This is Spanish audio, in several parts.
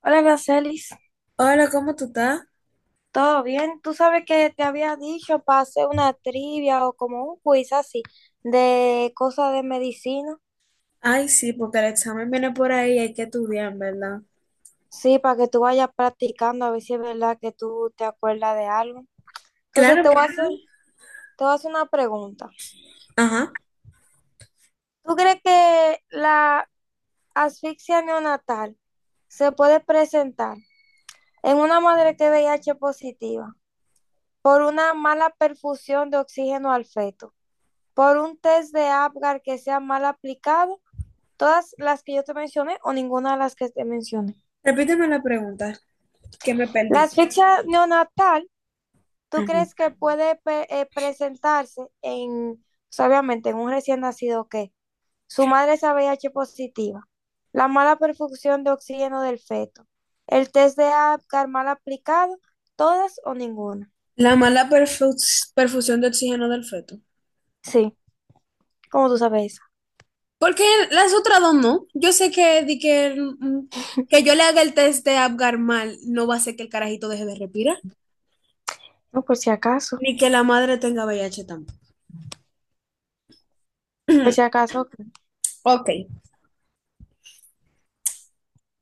Hola, Aracelis, Hola, ¿cómo tú estás? ¿todo bien? Tú sabes que te había dicho para hacer una trivia o como un quiz así de cosas de medicina. Ay, sí, porque el examen viene por ahí y hay que estudiar, ¿en verdad? Sí, para que tú vayas practicando a ver si es verdad que tú te acuerdas de algo. Entonces Claro, te voy a vamos hacer, te voy a hacer una pregunta. a. Ajá. ¿Tú crees que la asfixia neonatal se puede presentar en una madre que es VIH positiva por una mala perfusión de oxígeno al feto, por un test de Apgar que sea mal aplicado? Todas las que yo te mencione o ninguna de las que te mencione. Repíteme la pregunta, que me La perdí. asfixia neonatal, ¿tú crees Ajá. que puede presentarse en, o obviamente, en un recién nacido que su madre es AVH positiva, la mala perfusión de oxígeno del feto, el test de Apgar mal aplicado, todas o ninguna? La mala perfusión de oxígeno del feto. Sí, como tú sabes esa? Porque las otras dos no. Yo sé que, di que, que yo le haga el test de Apgar mal no va a hacer que el carajito deje de respirar, No, ni que la madre tenga VIH tampoco. por si acaso, ok. Ok,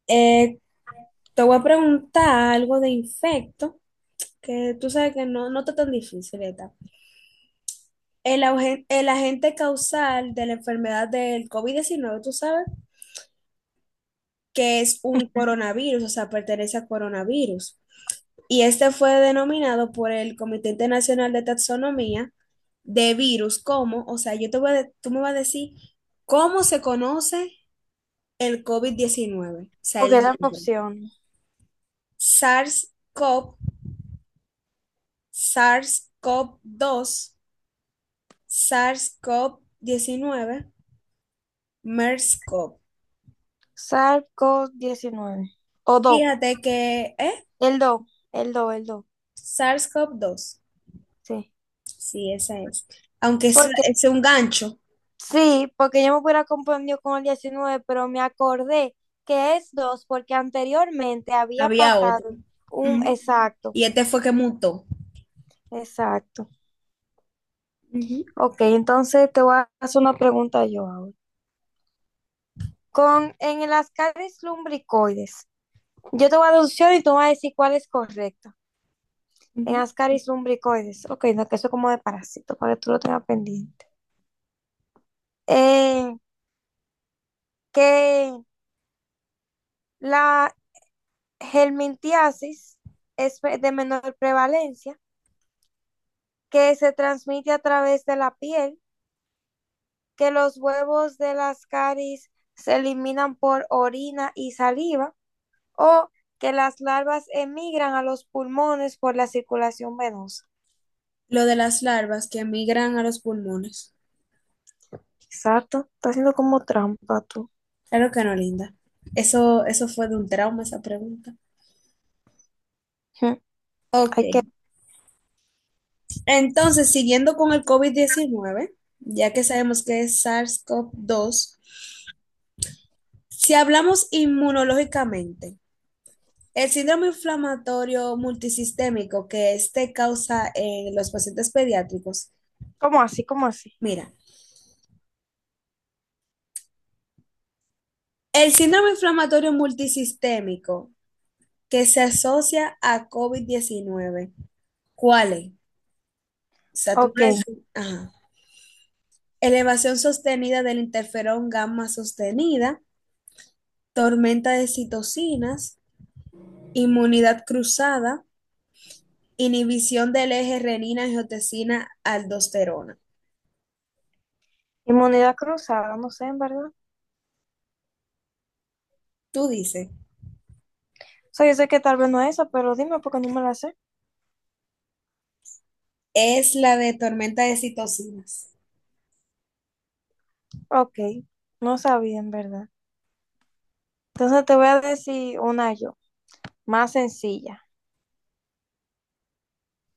eh, te voy a preguntar algo de infecto, que tú sabes que no está tan difícil, ¿verdad? El, el agente causal de la enfermedad del covid diecinueve, tú sabes que es un coronavirus, o sea, pertenece a coronavirus. Y este fue denominado por el Comité Internacional de Taxonomía de virus como, o sea, yo te voy a tú me vas a decir cómo se conoce el covid diecinueve, o O sea, el quedan nombre. opciones. SARS-CoV, cov dos, sars cov diecinueve, MERS-CoV. SARS-CoV-19 o DO, Fíjate que, ¿eh? el DO, el DO, SARS-CoV-2. sí. Sí, esa es. Aunque ese Porque es un gancho, sí, porque yo me hubiera confundido con el 19, pero me acordé que es 2 porque anteriormente había había otro. pasado un Ujú. exacto, Y este fue que mutó. exacto. Ujú, Ok, entonces te voy a hacer una pregunta yo ahora. Con En las caries lumbricoides, yo te voy a dar opciones y tú me vas a decir cuál es correcta. En ujú. las caries lumbricoides, ok, no, que eso es como de parásito, para que tú lo tengas pendiente. Eh, que la helmintiasis es de menor prevalencia, que se transmite a través de la piel, que los huevos de las caries se eliminan por orina y saliva, o que las larvas emigran a los pulmones por la circulación venosa. Lo de las larvas que migran a los pulmones. Exacto, está haciendo como trampa tú. Claro que no, linda. Eso fue de un trauma esa pregunta. Ujú. Ok. Hay que, Entonces, siguiendo con el covid diecinueve, ya que sabemos que es SARS-CoV-2, si hablamos inmunológicamente, el síndrome inflamatorio multisistémico que este causa en los pacientes pediátricos, como así, como así. mira, el síndrome inflamatorio multisistémico que se asocia a covid diecinueve, ¿cuál es? O sea, tú Ok, me decís, ajá. Elevación sostenida del interferón gamma sostenida, tormenta de citocinas, inmunidad cruzada, inhibición del eje renina-angiotensina-aldosterona. inmunidad cruzada, no sé, en verdad. O Tú dices, sea, yo sé que tal vez no es eso, pero dime porque no me la sé. es la de tormenta de citocinas. Ok, no sabía, en verdad. Entonces te voy a decir una yo, más sencilla.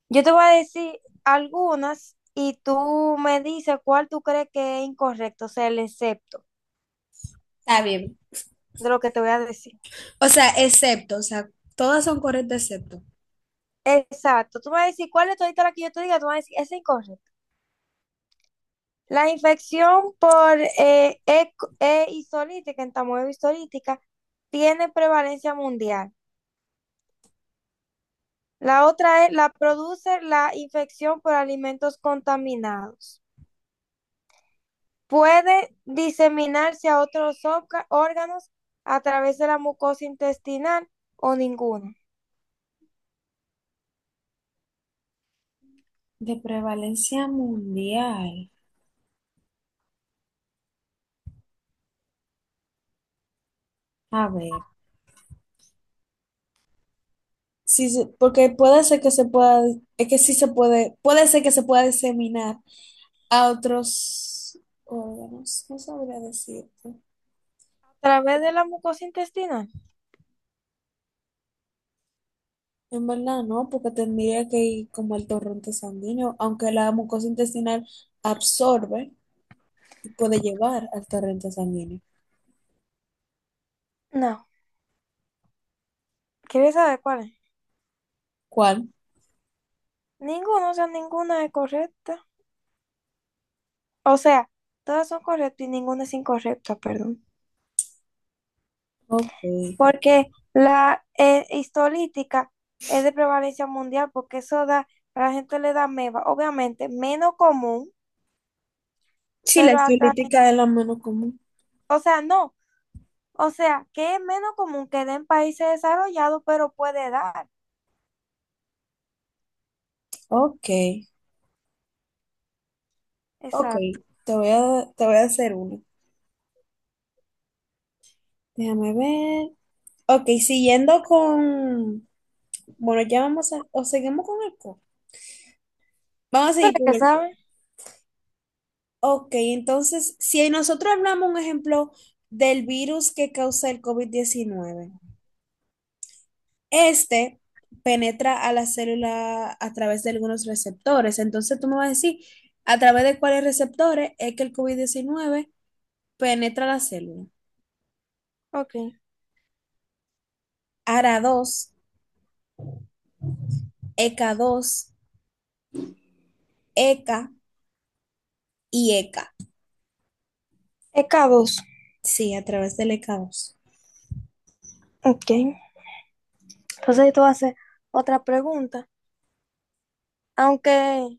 Yo te voy a decir algunas y tú me dices cuál tú crees que es incorrecto, o sea, el excepto Está bien. de lo que te voy a decir. O sea, excepto, o sea, todas son correctas excepto. Exacto, tú me vas a decir cuál es todita la que yo te diga, tú me vas a decir, es incorrecto. La infección por entamoeba hisolítica, tiene prevalencia mundial. La otra es, la produce la infección por alimentos contaminados. Puede diseminarse a otros órganos a través de la mucosa intestinal o ninguno. De prevalencia mundial. A ver. Sí, porque puede ser que se pueda, es que sí se puede, puede ser que se pueda diseminar a otros órganos. No sabría decirte. ¿A través de la mucosa intestinal? En verdad no, porque tendría que ir como al torrente sanguíneo, aunque la mucosa intestinal absorbe y puede llevar al torrente sanguíneo. No. ¿Quieres saber cuál es? ¿Cuál? Ninguno, o sea, ninguna es correcta. O sea, todas son correctas y ninguna es incorrecta, perdón. Ok. Porque la histolítica es de prevalencia mundial porque eso da, a la gente le da meba, obviamente, menos común, Sí, la pero a través, estilítica es la menos común. o sea, no. O sea, que es menos común que den países desarrollados, pero puede dar. Ok. Ok, Exacto. Te voy a hacer uno. Déjame ver. Ok, siguiendo con… Bueno, ya vamos a… O seguimos con el co. Vamos a seguir Pero con que el co. sabe. Ok, entonces, si nosotros hablamos un ejemplo del virus que causa el covid diecinueve, este penetra a la célula a través de algunos receptores. Entonces tú me vas a decir, ¿a través de cuáles receptores es que el covid diecinueve penetra la célula? Ok. ARA2, ECA2, ECA y ECA. E K dos. Sí, a través del ECAOS. Ok. Entonces tú haces otra pregunta. Aunque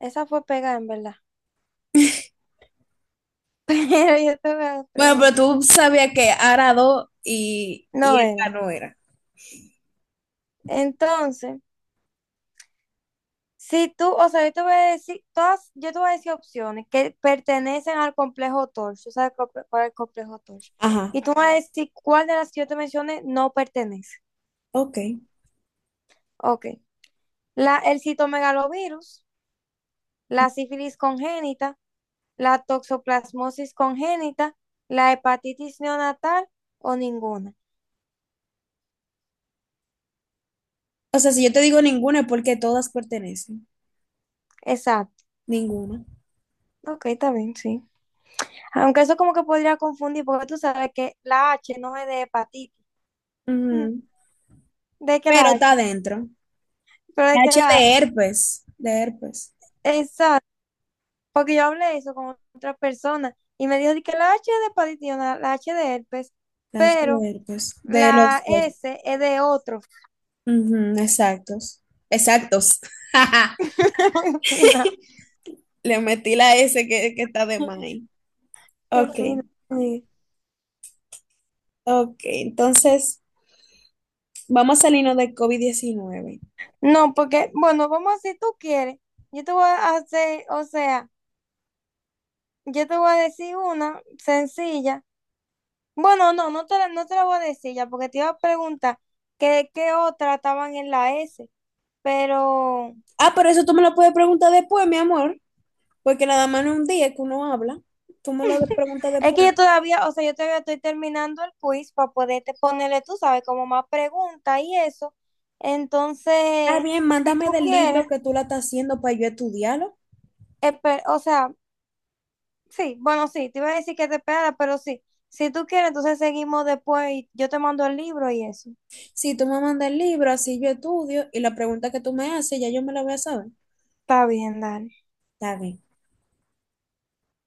esa fue pegada en verdad. Pero yo te voy a hacer Bueno, pero pregunta. tú sabías que Arado y, No y ECA era. no era. Entonces, si tú, o sea, yo te voy a decir, todas, yo te voy a decir opciones que pertenecen al complejo torso. ¿Sabes cuál el complejo torso? Ajá, Y tú me vas a decir cuál de las que yo te mencioné no pertenece. ok. Ok. La, el citomegalovirus, la sífilis congénita, la toxoplasmosis congénita, la hepatitis neonatal o ninguna. O sea, si yo te digo ninguna es porque todas pertenecen. Exacto. Ninguna. Ok, está bien, sí. Aunque eso como que podría confundir, porque tú sabes que la H no es de hepatitis. Ujú. Ujú. ¿De que Pero la está H? adentro. Pero de La que H la H. de herpes. De herpes. Exacto. Porque yo hablé eso con otra persona y me dijo de que la H es de hepatitis, neonatal, la H de herpes, La H pero de herpes. De la los dos. S es de otro. Ujú, exactos. Exactos. En fin, Le metí la S que está de no. más ahí. Qué Ok, fino. Sí. ok. Entonces, vamos a salirnos de covid diecinueve. No, porque, bueno, vamos a si tú quieres. Yo te voy a hacer, o sea, yo te voy a decir una sencilla. Bueno, no te la voy a decir ya, porque te iba a preguntar que qué otra estaban en la S. Pero Ah, pero eso tú me lo puedes preguntar después, mi amor, porque nada más no es un día que uno habla. Tú me lo preguntas es que después. yo todavía, o sea, yo todavía estoy terminando el quiz para poderte ponerle, tú sabes, como más preguntas y eso. Está Entonces, bien, si mándame tú del libro quieres, que tú la estás haciendo para yo estudiarlo. espe- o sea, sí, bueno, sí, te iba a decir que te esperara, pero sí, si tú quieres, entonces seguimos después y yo te mando el libro y eso. Si tú me mandas el libro, así yo estudio y la pregunta que tú me haces, ya yo me la voy a saber. Está bien, dale. Está bien.